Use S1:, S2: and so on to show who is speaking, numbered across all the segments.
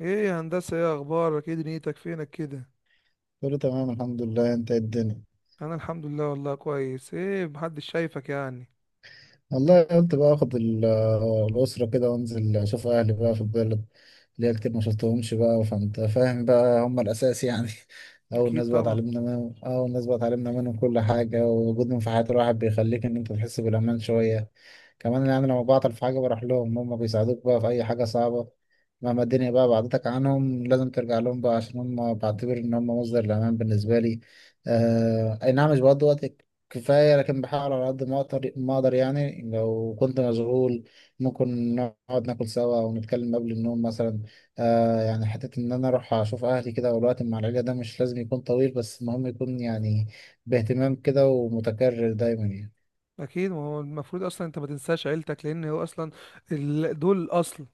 S1: ايه يا هندسة؟ ايه اخبارك؟ ايه دنيتك؟ فينك كده؟
S2: كله تمام الحمد لله. انت ايه الدنيا؟
S1: انا الحمد لله والله كويس، ايه محدش شايفك يعني؟
S2: والله قلت بقى اخد الاسره كده وانزل اشوف اهلي بقى في البلد. ليا كتير ما شفتهمش بقى، فانت فاهم بقى، هم الاساس يعني.
S1: اكيد طبعا.
S2: اول ناس بقى اتعلمنا منهم كل حاجه، ووجودهم في حياه الواحد بيخليك انت تحس بالامان شويه كمان. يعني لما بعطل في حاجة بروح لهم، هم بيساعدوك بقى في أي حاجة صعبة. مهما الدنيا بقى بعدتك عنهم، لازم ترجع لهم بقى، عشان هم بعتبر إن هم مصدر الأمان بالنسبة لي. آه أي نعم. مش بقضي وقت كفاية، لكن بحاول على قد ما أقدر. ما أقدر يعني لو كنت مشغول، ممكن نقعد ناكل سوا ونتكلم قبل النوم مثلا. آه يعني حتة إن أنا أروح أشوف أهلي كده. والوقت مع العيلة ده مش لازم يكون طويل، بس المهم يكون يعني باهتمام كده ومتكرر دايما يعني.
S1: اكيد، ما هو المفروض اصلا انت ما تنساش عيلتك لان هو اصلا دول الاصل.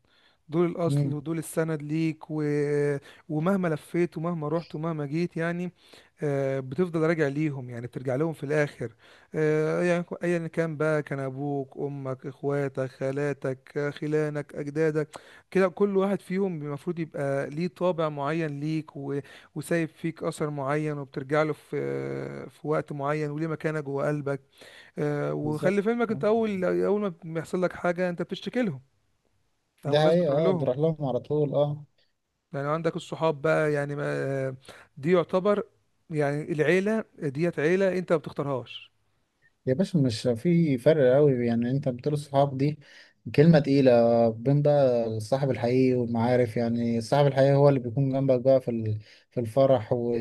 S1: دول الاصل
S2: مم،
S1: ودول السند ليك ومهما لفيت ومهما رحت ومهما جيت يعني، بتفضل راجع ليهم، يعني بترجع لهم في الاخر. يعني ايا كان بقى، كان ابوك امك اخواتك خالاتك خلانك اجدادك. كده كل واحد فيهم المفروض يبقى ليه طابع معين ليك وسايب فيك اثر معين، وبترجع له في وقت معين وليه مكانه جوه قلبك.
S2: بالظبط.
S1: وخلي في علمك،
S2: آه.
S1: انت اول ما بيحصل لك حاجه انت بتشتكي لهم. او
S2: ده
S1: الناس
S2: هي
S1: بتروح
S2: اه
S1: لهم.
S2: بتروح لهم على طول اه.
S1: يعني عندك الصحاب بقى، يعني ما دي يعتبر، يعني العيلة ديت عيلة انت ما بتختارهاش.
S2: يا باشا، مش في فرق قوي؟ يعني انت بتقول الصحاب، دي كلمة تقيلة بين بقى الصاحب الحقيقي والمعارف. يعني الصاحب الحقيقي هو اللي بيكون جنبك بقى في في الفرح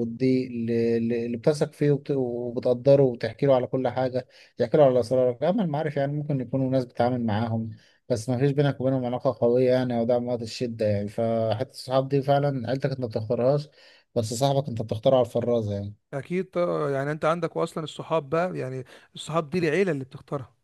S2: والضيق، اللي بتثق فيه وبتقدره وبتحكي له على كل حاجة، تحكي له على أسرارك. أما المعارف يعني ممكن يكونوا ناس بتتعامل معاهم بس ما فيش بينك وبينهم علاقة قوية يعني، أو دعم وقت الشدة يعني. فحتى الصحاب دي فعلا عيلتك أنت ما بتختارهاش، بس صاحبك أنت بتختاره على الفرازة يعني.
S1: اكيد طبعاً، يعني انت عندك اصلا الصحاب بقى، يعني الصحاب دي العيلة اللي بتختارها.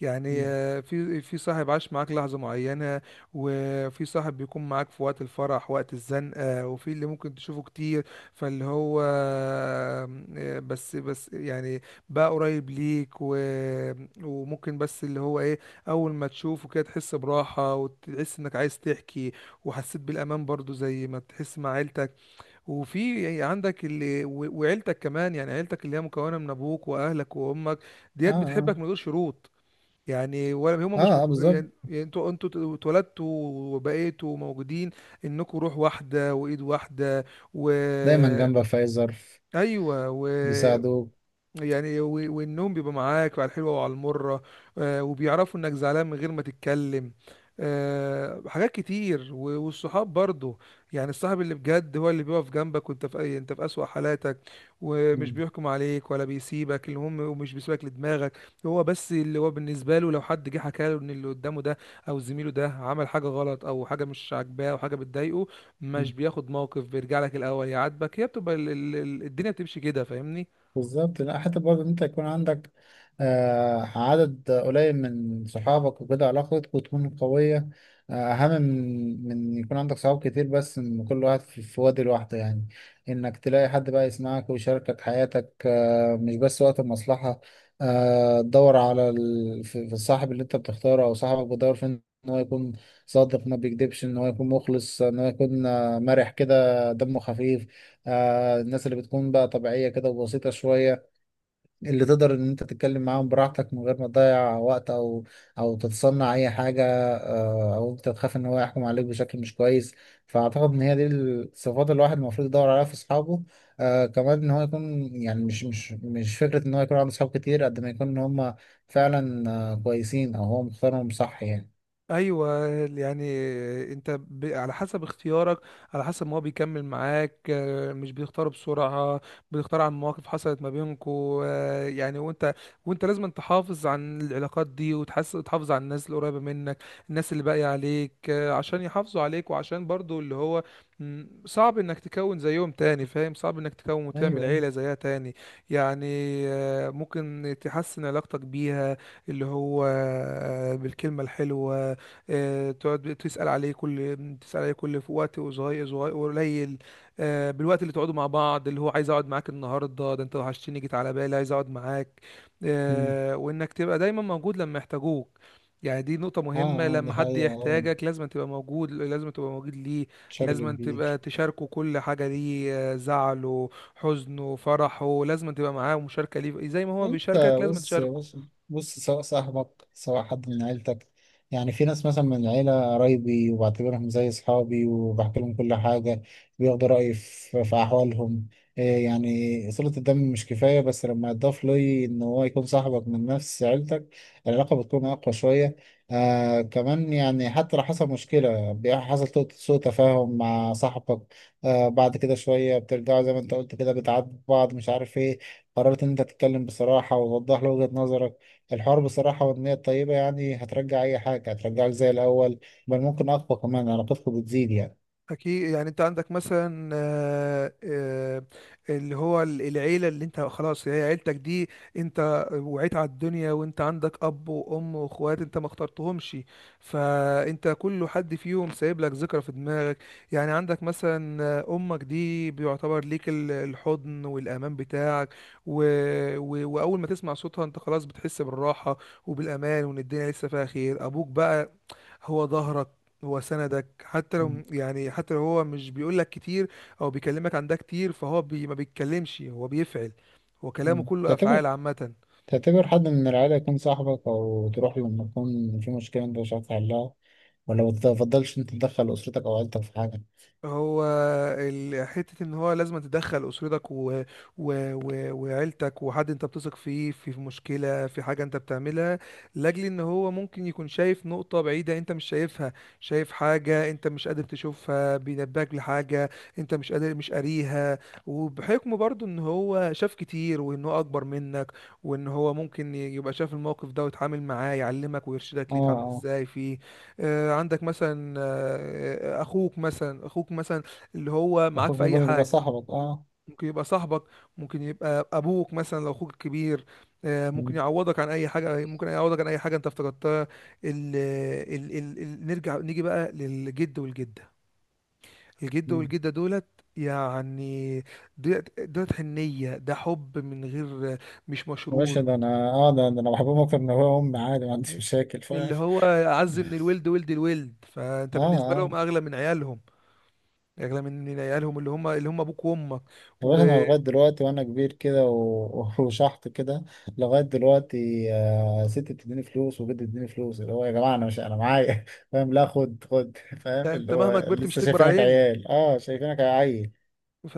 S1: يعني في صاحب عاش معاك لحظة معينة، وفي صاحب بيكون معاك في وقت الفرح، وقت الزنقة، وفي اللي ممكن تشوفه كتير. فاللي هو آه، بس، يعني بقى قريب ليك. وممكن، بس اللي هو ايه، اول ما تشوفه كده تحس براحة، وتحس انك عايز تحكي، وحسيت بالامان برضو زي ما تحس مع عيلتك. وفي عندك وعيلتك كمان، يعني عيلتك اللي هي مكونة من ابوك واهلك وامك،
S2: اه
S1: ديت
S2: اه.
S1: بتحبك من غير شروط. يعني ولا هما مش
S2: اه, آه بالظبط.
S1: يعني انتوا اتولدتوا، وبقيتوا موجودين، انكم روح واحده وايد واحده، و
S2: دايما جنبك في اي ظرف،
S1: ايوه،
S2: بيساعدوك.
S1: يعني والنوم بيبقى معاك على الحلوة وعلى المرة، وبيعرفوا انك زعلان من غير ما تتكلم. حاجات كتير والصحاب برضو. يعني الصاحب اللي بجد هو اللي بيقف جنبك وانت في اي انت في اسوأ حالاتك، ومش
S2: مم.
S1: بيحكم عليك ولا بيسيبك، المهم ومش بيسيبك لدماغك. هو بس اللي هو بالنسبة له، لو حد جه حكى له ان اللي قدامه ده، او زميله ده عمل حاجة غلط، او حاجة مش عاجباه، او حاجة بتضايقه، مش
S2: مم.
S1: بياخد موقف، بيرجع لك الاول يعاتبك. هي بتبقى الدنيا بتمشي كده، فاهمني؟
S2: بالظبط. لا حتى برضه إن انت يكون عندك آه عدد قليل من صحابك وكده، علاقتك وتكون قوية، آه أهم من يكون عندك صحاب كتير بس من كل واحد في وادي لوحده يعني. إنك تلاقي حد بقى يسمعك ويشاركك حياتك، آه مش بس وقت المصلحة. آه تدور على ال... في الصاحب اللي أنت بتختاره أو صاحبك بتدور فين إن هو يكون صادق ما بيكذبش، إن هو يكون مخلص، إن هو يكون آه، مرح كده دمه خفيف. آه الناس اللي بتكون بقى طبيعية كده وبسيطة شوية، اللي تقدر إن أنت تتكلم معاهم براحتك من غير ما تضيع وقت، أو أو تتصنع أي حاجة، آه أو أنت تخاف إن هو يحكم عليك بشكل مش كويس. فأعتقد إن هي دي الصفات اللي الواحد المفروض يدور عليها في أصحابه. آه كمان إن هو يكون يعني مش فكرة إن هو يكون عنده أصحاب كتير قد ما يكون إن هم فعلا آه كويسين أو هو مختارهم صح يعني.
S1: ايوه، يعني انت على حسب اختيارك، على حسب ما هو بيكمل معاك، مش بيختار بسرعه، بيختار عن مواقف حصلت ما بينكو، يعني وانت، وانت لازم تحافظ عن العلاقات دي، وتحس تحافظ على الناس القريبه منك، الناس اللي باقيه عليك، عشان يحافظوا عليك وعشان برضو اللي هو صعب انك تكون زيهم تاني، فاهم؟ صعب انك تكون وتعمل
S2: ايوه.
S1: عيله زيها تاني. يعني ممكن تحسن علاقتك بيها، اللي هو بالكلمه الحلوه. تقعد تسأل عليه كل في وقت، وصغير صغير قليل. بالوقت اللي تقعدوا مع بعض، اللي هو عايز اقعد معاك النهارده ده، انت وحشتني، جيت على بالي، عايز اقعد معاك.
S2: مم.
S1: وانك تبقى دايما موجود لما يحتاجوك. يعني دي نقطة
S2: اه
S1: مهمة،
S2: اه دي
S1: لما حد
S2: حقيقة أوي
S1: يحتاجك لازم تبقى موجود، لازم تبقى موجود ليه.
S2: بشكل
S1: لازم تبقى
S2: كبير.
S1: تشاركه كل حاجة ليه، زعله حزنه فرحه، لازم تبقى معاه ومشاركة ليه زي ما هو
S2: انت
S1: بيشاركك لازم
S2: بص.
S1: تشاركه.
S2: بص. بص، سواء صاحبك سواء حد من عيلتك، يعني في ناس مثلا من العيلة قرايبي وبعتبرهم زي أصحابي وبحكي لهم كل حاجة، بياخدوا رأيي في أحوالهم. إيه يعني صلة الدم مش كفاية، بس لما يضاف لي إن هو يكون صاحبك من نفس عيلتك، العلاقة بتكون أقوى شوية. آه كمان يعني حتى لو حصل مشكلة سوء تفاهم مع صاحبك، آه بعد كده شوية بترجعوا زي ما أنت قلت كده، بتعاتبوا بعض مش عارف إيه، قررت ان انت تتكلم بصراحة ووضح له وجهة نظرك. الحوار بصراحة والنية الطيبة يعني هترجع اي حاجة، هترجعك زي الاول، بل ممكن اقوى كمان، علاقتكم بتزيد يعني.
S1: أكيد، يعني أنت عندك مثلا اللي هو العيلة اللي أنت خلاص هي عيلتك دي. أنت وعيت على الدنيا وأنت عندك أب وأم وأخوات، أنت ما اخترتهمش. فأنت كل حد فيهم سايب لك ذكرى في دماغك. يعني عندك مثلا أمك دي بيعتبر ليك الحضن والأمان بتاعك. و... وأول ما تسمع صوتها أنت خلاص بتحس بالراحة وبالأمان، وإن الدنيا لسه فيها خير. أبوك بقى هو ظهرك، هو سندك، حتى لو،
S2: مم.
S1: يعني حتى لو هو مش بيقول لك كتير، او بيكلمك عن ده كتير، فهو ما بيتكلمش، هو بيفعل. هو كلامه
S2: مم.
S1: كله افعال عامه.
S2: تعتبر حد من العيلة يكون صاحبك او تروح له لما يكون في مشكلة انت مش عارف تحلها؟ ولا ما تفضلش انت تدخل اسرتك او عيلتك في حاجة؟
S1: هو حتة ان هو لازم تدخل اسرتك و... و... و... وعيلتك، وحد انت بتثق فيه في مشكلة، في حاجة انت بتعملها، لاجل ان هو ممكن يكون شايف نقطة بعيدة انت مش شايفها. شايف حاجة انت مش قادر تشوفها، بينبهك لحاجة انت مش قادر مش قاريها، وبحكم برضو ان هو شاف كتير، وان هو اكبر منك، وان هو ممكن يبقى شاف الموقف ده ويتعامل معاه، يعلمك ويرشدك
S2: اه
S1: ليه تعمل
S2: اه.
S1: ازاي فيه. عندك مثلا اخوك مثلا، اللي هو معاك
S2: اخوك
S1: في اي
S2: ممكن يبقى
S1: حاجه،
S2: صاحبك اه.
S1: ممكن يبقى صاحبك، ممكن يبقى ابوك مثلا لو اخوك كبير. ممكن
S2: مم.
S1: يعوضك عن اي حاجه ممكن يعوضك عن اي حاجه انت افتقدتها. ال ال ال ال نرجع نيجي بقى للجد والجده. الجد
S2: مم.
S1: والجده دولت، يعني دولت حنيه، ده حب من غير، مش
S2: يا
S1: مشروط.
S2: باشا ده انا اه ده انا بحبهم اكتر من ابويا وامي عادي، ما عنديش مشاكل
S1: اللي
S2: فاهم.
S1: هو اعز من الولد ولد الولد، فانت
S2: اه
S1: بالنسبه لهم
S2: اه.
S1: اغلى من عيالهم. اغلى من عيالهم، اللي هم ابوك وامك.
S2: يا باشا انا
S1: وانت
S2: لغايه دلوقتي، وانا كبير كده وشحط كده، لغايه دلوقتي آه، ستي بتديني فلوس وجدي بيديني فلوس، اللي هو يا جماعه انا مش انا معايا فاهم، لا خد خد فاهم، اللي
S1: مهما
S2: هو
S1: كبرت مش
S2: لسه
S1: تكبر
S2: شايفينك
S1: علينا.
S2: عيال اه شايفينك عيل.
S1: ف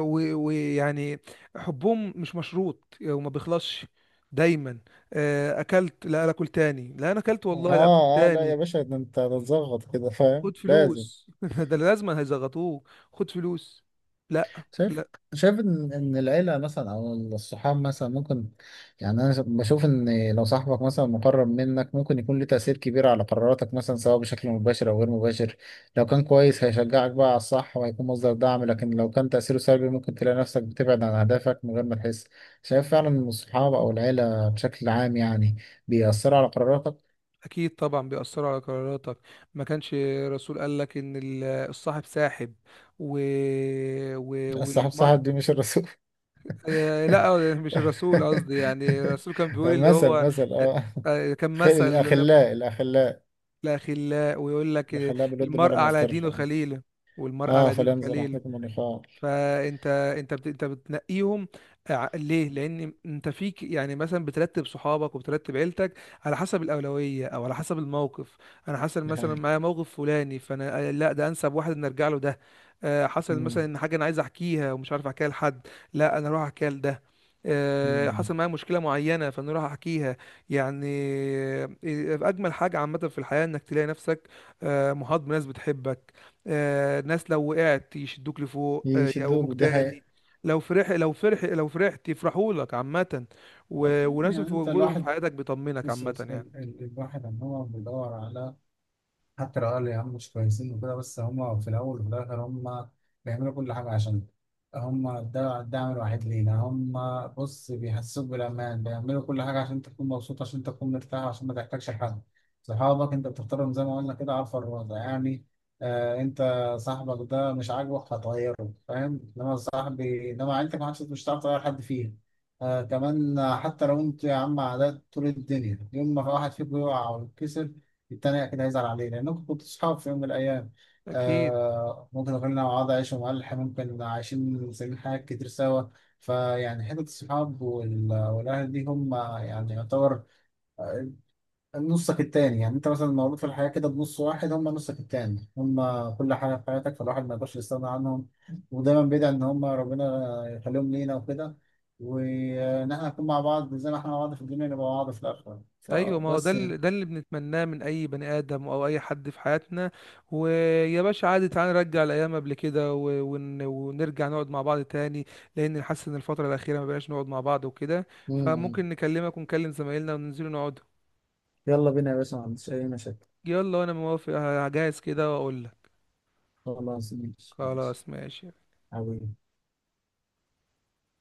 S1: ويعني حبهم مش مشروط وما بيخلصش. دايما اكلت، لا لا اكل تاني، لا انا اكلت والله لا اكل
S2: اه اه. لا يا
S1: تاني.
S2: باشا ده انت هتتظبط كده فاهم
S1: خد
S2: لازم.
S1: فلوس ده لازم هيزغطوه. خد فلوس. لا
S2: شايف.
S1: لا.
S2: شايف ان العيله مثلا او الصحاب مثلا ممكن، يعني انا بشوف ان لو صاحبك مثلا مقرب منك ممكن يكون له تاثير كبير على قراراتك مثلا، سواء بشكل مباشر او غير مباشر. لو كان كويس هيشجعك بقى على الصح وهيكون مصدر دعم، لكن لو كان تاثيره سلبي ممكن تلاقي نفسك بتبعد عن اهدافك من غير ما تحس. شايف فعلا ان الصحاب او العيله بشكل عام يعني بيأثروا على قراراتك؟
S1: اكيد طبعا بيأثروا على قراراتك. ما كانش الرسول قال لك ان الصاحب ساحب، و...
S2: لا، الصحاب
S1: والمرء.
S2: صاحب دي مش الرسول.
S1: لا، مش الرسول قصدي، يعني الرسول كان بيقول اللي
S2: مثل
S1: هو
S2: مثل
S1: آه،
S2: اه.
S1: كان مثل
S2: الأخلاء
S1: لأخلاء، ويقول لك
S2: اللي خلاه بالود ما
S1: المرء
S2: لم
S1: على
S2: يفترق.
S1: دينه خليله، والمرء
S2: اه
S1: على دينه
S2: فلينظر
S1: خليل.
S2: احدكم من يخاف.
S1: فانت انت بت... انت بتنقيهم. ليه؟ لان انت فيك، يعني مثلا بترتب صحابك وبترتب عيلتك على حسب الاولويه او على حسب الموقف. انا حصل
S2: دي
S1: مثلا
S2: حقيقة.
S1: معايا موقف فلاني، فانا لا، ده انسب واحد ان ارجع له ده. حصل مثلا
S2: مم.
S1: ان حاجه انا عايز احكيها ومش عارف احكيها لحد، لا انا اروح احكيها لده.
S2: مم.
S1: حصل معايا مشكله معينه فانا اروح احكيها. يعني، آه، اجمل حاجه عامه في الحياه انك تلاقي نفسك محاط بناس بتحبك، ناس لو وقعت يشدوك لفوق، يقوموك
S2: يشدوه، دي
S1: تاني،
S2: حقيقة.
S1: لو فرحت يفرحوا لك عامة،
S2: ده كان-
S1: وناس
S2: يعني
S1: في
S2: انت
S1: وجودهم في
S2: الواحد.
S1: حياتك بيطمنك
S2: بص
S1: عامة
S2: بص،
S1: يعني.
S2: الواحد ان هو بيدور على، حتى لو قالوا يا عم مش كويسين وكده، بس هم في الأول وفي الآخر هم بيعملوا كل حاجة عشان، هم ده الدعم الوحيد لينا هم. بص بيحسسوك بالأمان، بيعملوا كل حاجة عشان تكون مبسوط، عشان تكون مرتاح، عشان ما تحتاجش حد. صحابك أنت بتختارهم زي ما قلنا كده على الفرازة يعني. آه أنت صاحبك ده مش عاجبك هتغيره فاهم، إنما صاحبي إنما عيلتك ما عادش مش هتعرف تغير حد فيها. آه كمان حتى لو أنتوا يا عم عادات طول الدنيا، يوم ما واحد فيكم يقع أو يتكسر التاني أكيد هيزعل عليه، لأنكم كنتوا صحاب في يوم من الأيام.
S1: أكيد.
S2: آه ممكن غيرنا مع بعض عايشة ملح، ممكن عايشين سنين حاجات كتير سوا. فيعني حتة الصحاب والأهل دي هم يعني يعتبر آه، نصك التاني. يعني أنت مثلا مولود في الحياة كده بنص واحد، هم نصك التاني، هم كل حاجة في حياتك، فالواحد ما يقدرش يستغنى عنهم. ودايما بيدعي إن هم ربنا يخليهم لينا وكده، وإن إحنا نكون مع بعض زي ما إحنا مع بعض في الدنيا، نبقى مع بعض في الآخرة.
S1: أيوة، ما هو ده
S2: فبس يعني.
S1: اللي ده اللي بنتمناه من أي بني آدم أو أي حد في حياتنا. ويا باشا عادي، تعالى نرجع الأيام قبل كده ونرجع نقعد مع بعض تاني، لأن حاسس إن الفترة الأخيرة ما بقاش نقعد مع بعض وكده.
S2: مم.
S1: فممكن نكلمك ونكلم زمايلنا وننزلوا نقعد.
S2: يلا بينا يا باشا، ما عنديش أي مشاكل.
S1: يلا وأنا موافق، هجهز كده وأقول لك.
S2: خلاص ماشي ماشي.
S1: خلاص ماشي.
S2: حبيبي.